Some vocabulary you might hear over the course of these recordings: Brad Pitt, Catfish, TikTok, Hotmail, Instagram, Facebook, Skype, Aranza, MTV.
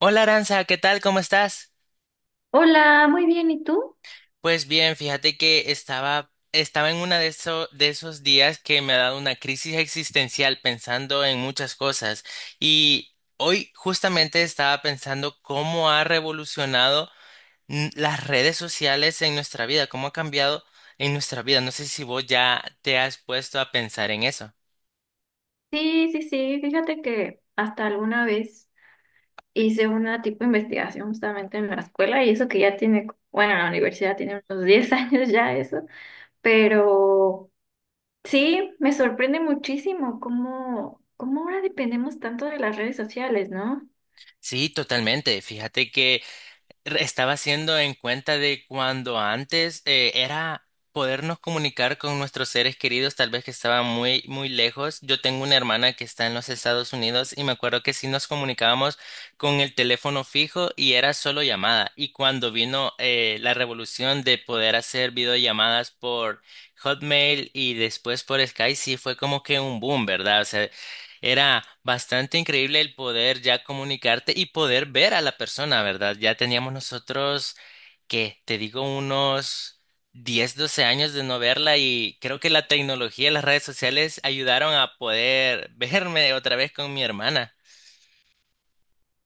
Hola Aranza, ¿qué tal? ¿Cómo estás? Hola, muy bien, ¿y tú? Pues bien, fíjate que estaba en de esos días que me ha dado una crisis existencial pensando en muchas cosas, y hoy justamente estaba pensando cómo ha revolucionado las redes sociales en nuestra vida, cómo ha cambiado en nuestra vida. No sé si vos ya te has puesto a pensar en eso. Sí, sí, sí, fíjate que hasta alguna vez hice una tipo de investigación justamente en la escuela y eso que ya tiene, bueno, en la universidad tiene unos 10 años ya eso, pero sí, me sorprende muchísimo cómo ahora dependemos tanto de las redes sociales, ¿no? Sí, totalmente. Fíjate que estaba haciendo en cuenta de cuando antes era podernos comunicar con nuestros seres queridos, tal vez que estaban muy, muy lejos. Yo tengo una hermana que está en los Estados Unidos y me acuerdo que sí nos comunicábamos con el teléfono fijo y era solo llamada. Y cuando vino la revolución de poder hacer videollamadas por Hotmail y después por Skype, sí fue como que un boom, ¿verdad? O sea, era bastante increíble el poder ya comunicarte y poder ver a la persona, ¿verdad? Ya teníamos nosotros, que te digo, unos 10, 12 años de no verla, y creo que la tecnología y las redes sociales ayudaron a poder verme otra vez con mi hermana.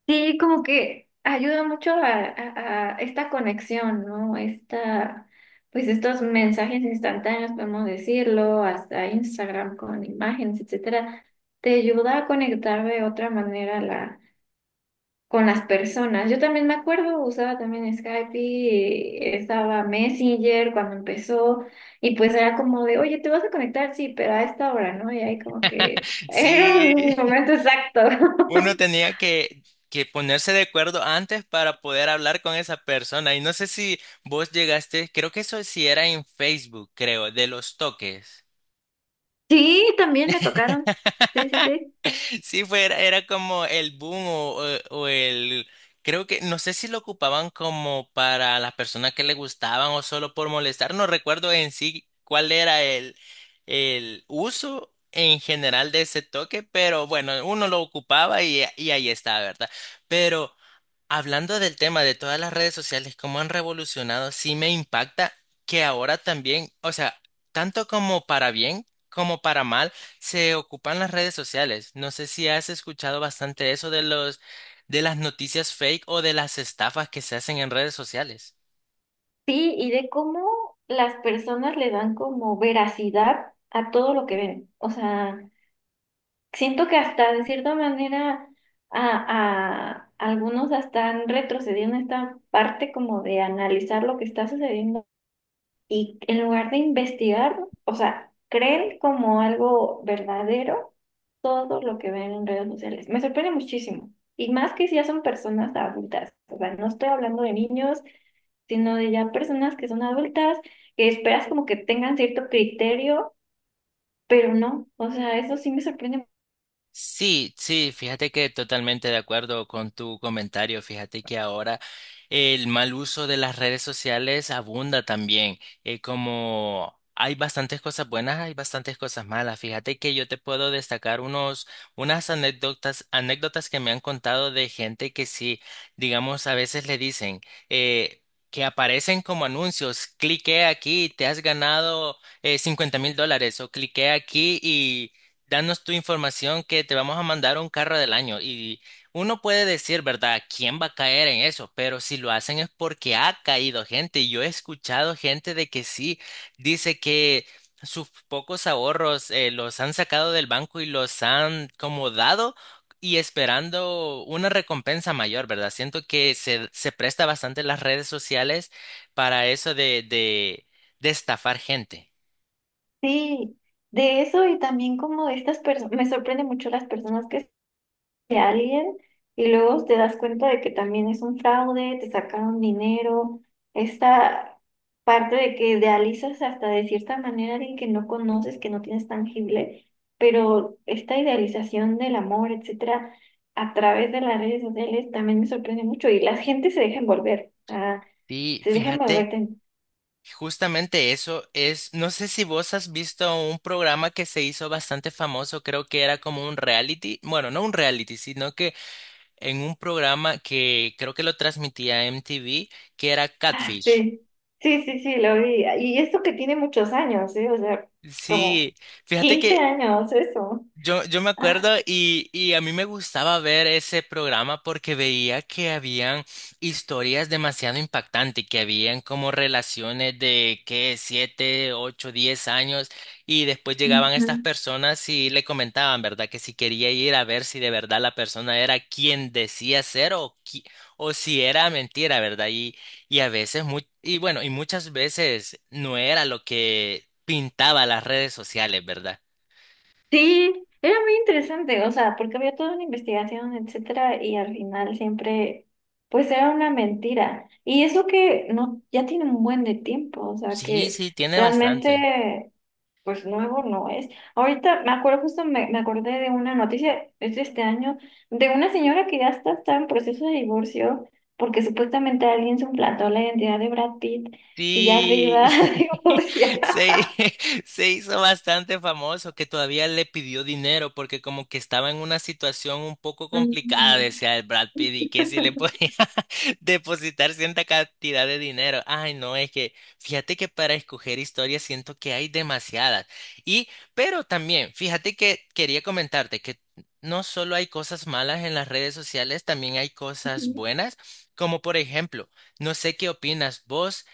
Sí, como que ayuda mucho a esta conexión, ¿no? Esta, pues estos mensajes instantáneos, podemos decirlo, hasta Instagram con imágenes, etcétera, te ayuda a conectar de otra manera con las personas. Yo también me acuerdo, usaba también Skype y estaba Messenger cuando empezó, y pues era como de, oye, ¿te vas a conectar? Sí, pero a esta hora, ¿no? Y ahí como que era un Sí, momento exacto. uno tenía que ponerse de acuerdo antes para poder hablar con esa persona, y no sé si vos llegaste, creo que eso sí era en Facebook, creo, de los toques. Sí, también me tocaron. Sí, sí, sí. Sí, era como el boom o el... Creo que, no sé si lo ocupaban como para las personas que le gustaban o solo por molestar, no recuerdo en sí cuál era el uso en general de ese toque, pero bueno, uno lo ocupaba y ahí está, ¿verdad? Pero... Hablando del tema de todas las redes sociales, cómo han revolucionado, sí me impacta que ahora también, o sea, tanto como para bien como para mal, se ocupan las redes sociales. No sé si has escuchado bastante eso de las noticias fake o de las estafas que se hacen en redes sociales. Sí, y de cómo las personas le dan como veracidad a todo lo que ven. O sea, siento que hasta de cierta manera a algunos hasta han retrocedido en esta parte como de analizar lo que está sucediendo. Y en lugar de investigar, o sea, creen como algo verdadero todo lo que ven en redes sociales. Me sorprende muchísimo. Y más que si ya son personas adultas. O sea, no estoy hablando de niños, sino de ya personas que son adultas, que esperas como que tengan cierto criterio, pero no. O sea, eso sí me sorprende. Sí, sí, fíjate que totalmente de acuerdo con tu comentario. Fíjate que ahora el mal uso de las redes sociales abunda también. Como hay bastantes cosas buenas, hay bastantes cosas malas. Fíjate que yo te puedo destacar unas anécdotas que me han contado de gente que sí, digamos, a veces le dicen, eh, que aparecen como anuncios, clique aquí, te has ganado $50.000 o clique aquí y danos tu información que te vamos a mandar un carro del año. Y uno puede decir, ¿verdad? ¿Quién va a caer en eso? Pero si lo hacen es porque ha caído gente. Y yo he escuchado gente de que sí, dice que sus pocos ahorros los han sacado del banco y los han como dado y esperando una recompensa mayor, ¿verdad? Siento que se presta bastante las redes sociales para eso de estafar gente. Sí, de eso y también como de estas personas, me sorprende mucho las personas que de alguien y luego te das cuenta de que también es un fraude, te sacaron dinero, esta parte de que idealizas hasta de cierta manera a alguien que no conoces, que no tienes tangible, pero esta idealización del amor, etcétera, a través de las redes sociales también me sorprende mucho y la gente se deja envolver, ah, Y se deja envolver. fíjate. Justamente eso es, no sé si vos has visto un programa que se hizo bastante famoso, creo que era como un reality, bueno, no un reality, sino que en un programa que creo que lo transmitía MTV, que era Ah, Catfish. sí, sí, sí, sí, lo vi. Y esto que tiene muchos años, ¿eh? O sea, como Sí, fíjate 15 que años, eso. Yo me acuerdo, y a mí me gustaba ver ese programa porque veía que habían historias demasiado impactantes, que habían como relaciones de que siete, ocho, diez años, y después llegaban Ujú. estas personas y le comentaban, ¿verdad? Que si quería ir a ver si de verdad la persona era quien decía ser o si era mentira, ¿verdad? Y a veces, y bueno, y muchas veces no era lo que pintaba las redes sociales, ¿verdad? Sí, era muy interesante, o sea, porque había toda una investigación, etcétera, y al final siempre, pues era una mentira. Y eso que no, ya tiene un buen de tiempo, o sea, Sí, que sí, tiene bastante. realmente, pues nuevo no es. Ahorita me acuerdo, me acordé de una noticia, es de este año, de una señora que está en proceso de divorcio, porque supuestamente alguien suplantó la identidad de Brad Pitt y ya se iba Sí, a divorciar. se, se hizo bastante famoso que todavía le pidió dinero porque como que estaba en una situación un poco complicada, decía el Brad Pitt, y que si le podía depositar cierta cantidad de dinero. Ay, no, es que fíjate que para escoger historias siento que hay demasiadas. Y, pero también, fíjate que quería comentarte que no solo hay cosas malas en las redes sociales, también hay cosas Ujú. buenas, como por ejemplo, no sé qué opinas vos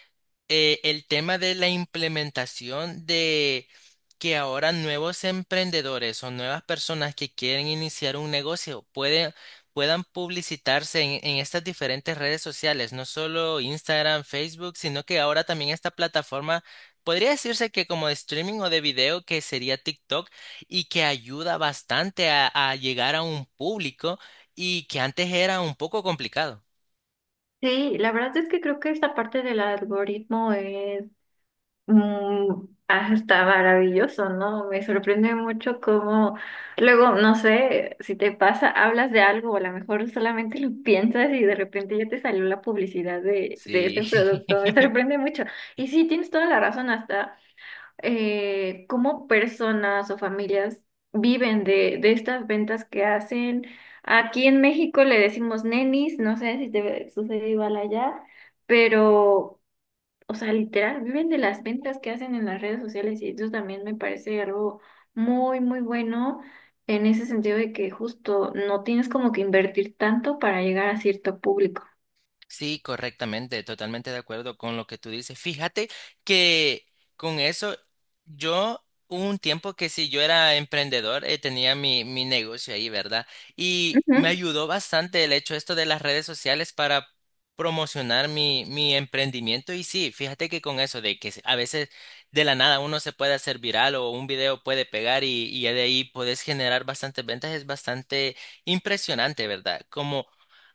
el tema de la implementación de que ahora nuevos emprendedores o nuevas personas que quieren iniciar un negocio puedan publicitarse en estas diferentes redes sociales, no solo Instagram, Facebook, sino que ahora también esta plataforma podría decirse que como de streaming o de video que sería TikTok, y que ayuda bastante a llegar a un público, y que antes era un poco complicado. Sí, la verdad es que creo que esta parte del algoritmo es hasta maravilloso, ¿no? Me sorprende mucho cómo luego, no sé, si te pasa, hablas de algo o a lo mejor solamente lo piensas y de repente ya te salió la publicidad de Sí. este producto. Me sorprende mucho. Y sí, tienes toda la razón, hasta cómo personas o familias viven de estas ventas que hacen. Aquí en México le decimos nenis, no sé si te sucede igual allá, pero, o sea, literal, viven de las ventas que hacen en las redes sociales y eso también me parece algo muy, muy bueno en ese sentido de que justo no tienes como que invertir tanto para llegar a cierto público. Sí, correctamente, totalmente de acuerdo con lo que tú dices. Fíjate que con eso, yo hubo un tiempo que si yo era emprendedor, tenía mi negocio ahí, ¿verdad? Y me ayudó bastante el hecho esto de las redes sociales para promocionar mi emprendimiento. Y sí, fíjate que con eso, de que a veces de la nada uno se puede hacer viral o un video puede pegar, y ya de ahí puedes generar bastantes ventas, es bastante impresionante, ¿verdad? Como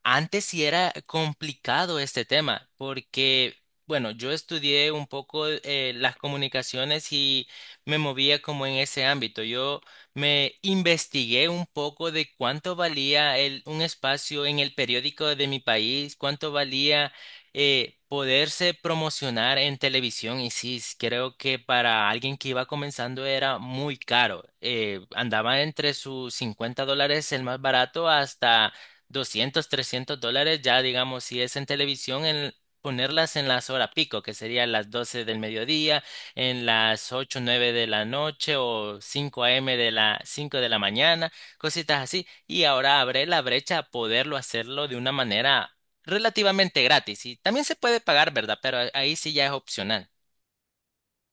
antes sí era complicado este tema, porque, bueno, yo estudié un poco las comunicaciones y me movía como en ese ámbito. Yo me investigué un poco de cuánto valía un espacio en el periódico de mi país, cuánto valía poderse promocionar en televisión. Y sí, creo que para alguien que iba comenzando era muy caro. Andaba entre sus 50 dólares el más barato hasta $200 $300, ya digamos, si es en televisión, en ponerlas en las horas pico, que serían las 12 del mediodía, en las 8 9 de la noche o 5 a.m. de la 5 de la mañana, cositas así. Y ahora abre la brecha a poderlo hacerlo de una manera relativamente gratis. Y también se puede pagar, ¿verdad? Pero ahí sí ya es opcional.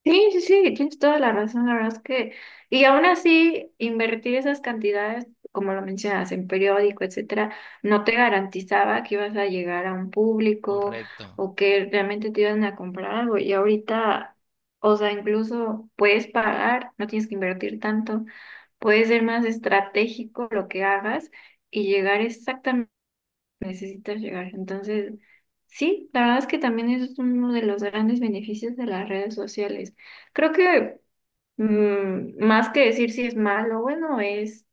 Sí, sí, sí, tienes toda la razón, la verdad es que, y aún así, invertir esas cantidades, como lo mencionas, en periódico, etcétera, no te garantizaba que ibas a llegar a un público Correcto. o que realmente te iban a comprar algo. Y ahorita, o sea, incluso puedes pagar, no tienes que invertir tanto, puedes ser más estratégico lo que hagas y llegar exactamente. Necesitas llegar. Entonces, sí, la verdad es que también es uno de los grandes beneficios de las redes sociales. Creo que más que decir si es malo o bueno, es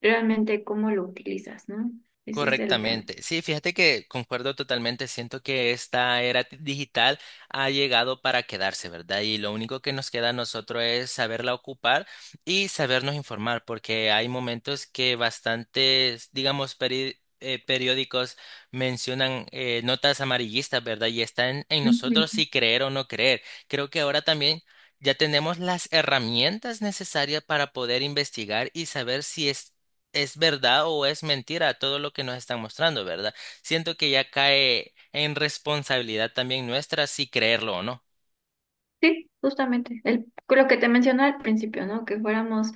realmente cómo lo utilizas, ¿no? Ese es el tema. Correctamente. Sí, fíjate que concuerdo totalmente. Siento que esta era digital ha llegado para quedarse, ¿verdad? Y lo único que nos queda a nosotros es saberla ocupar y sabernos informar, porque hay momentos que bastantes, digamos, periódicos mencionan notas amarillistas, ¿verdad? Y está en nosotros Ujú. si creer o no creer. Creo que ahora también ya tenemos las herramientas necesarias para poder investigar y saber si es verdad o es mentira todo lo que nos están mostrando, ¿verdad? Siento que ya cae en responsabilidad también nuestra si creerlo o no. Sí, justamente. El, lo que te mencioné al principio, ¿no? Que fuéramos,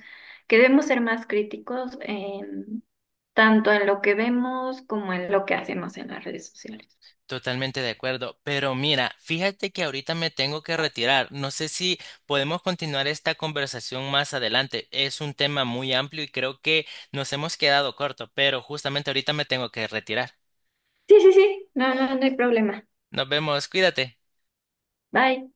que debemos ser más críticos en tanto en lo que vemos como en lo que hacemos en las redes sociales. Totalmente de acuerdo. Pero mira, fíjate que ahorita me tengo que retirar. No sé si podemos continuar esta conversación más adelante. Es un tema muy amplio y creo que nos hemos quedado corto, pero justamente ahorita me tengo que retirar. Sí, sí, sí. No, no, no hay problema. Nos vemos, cuídate. Bye.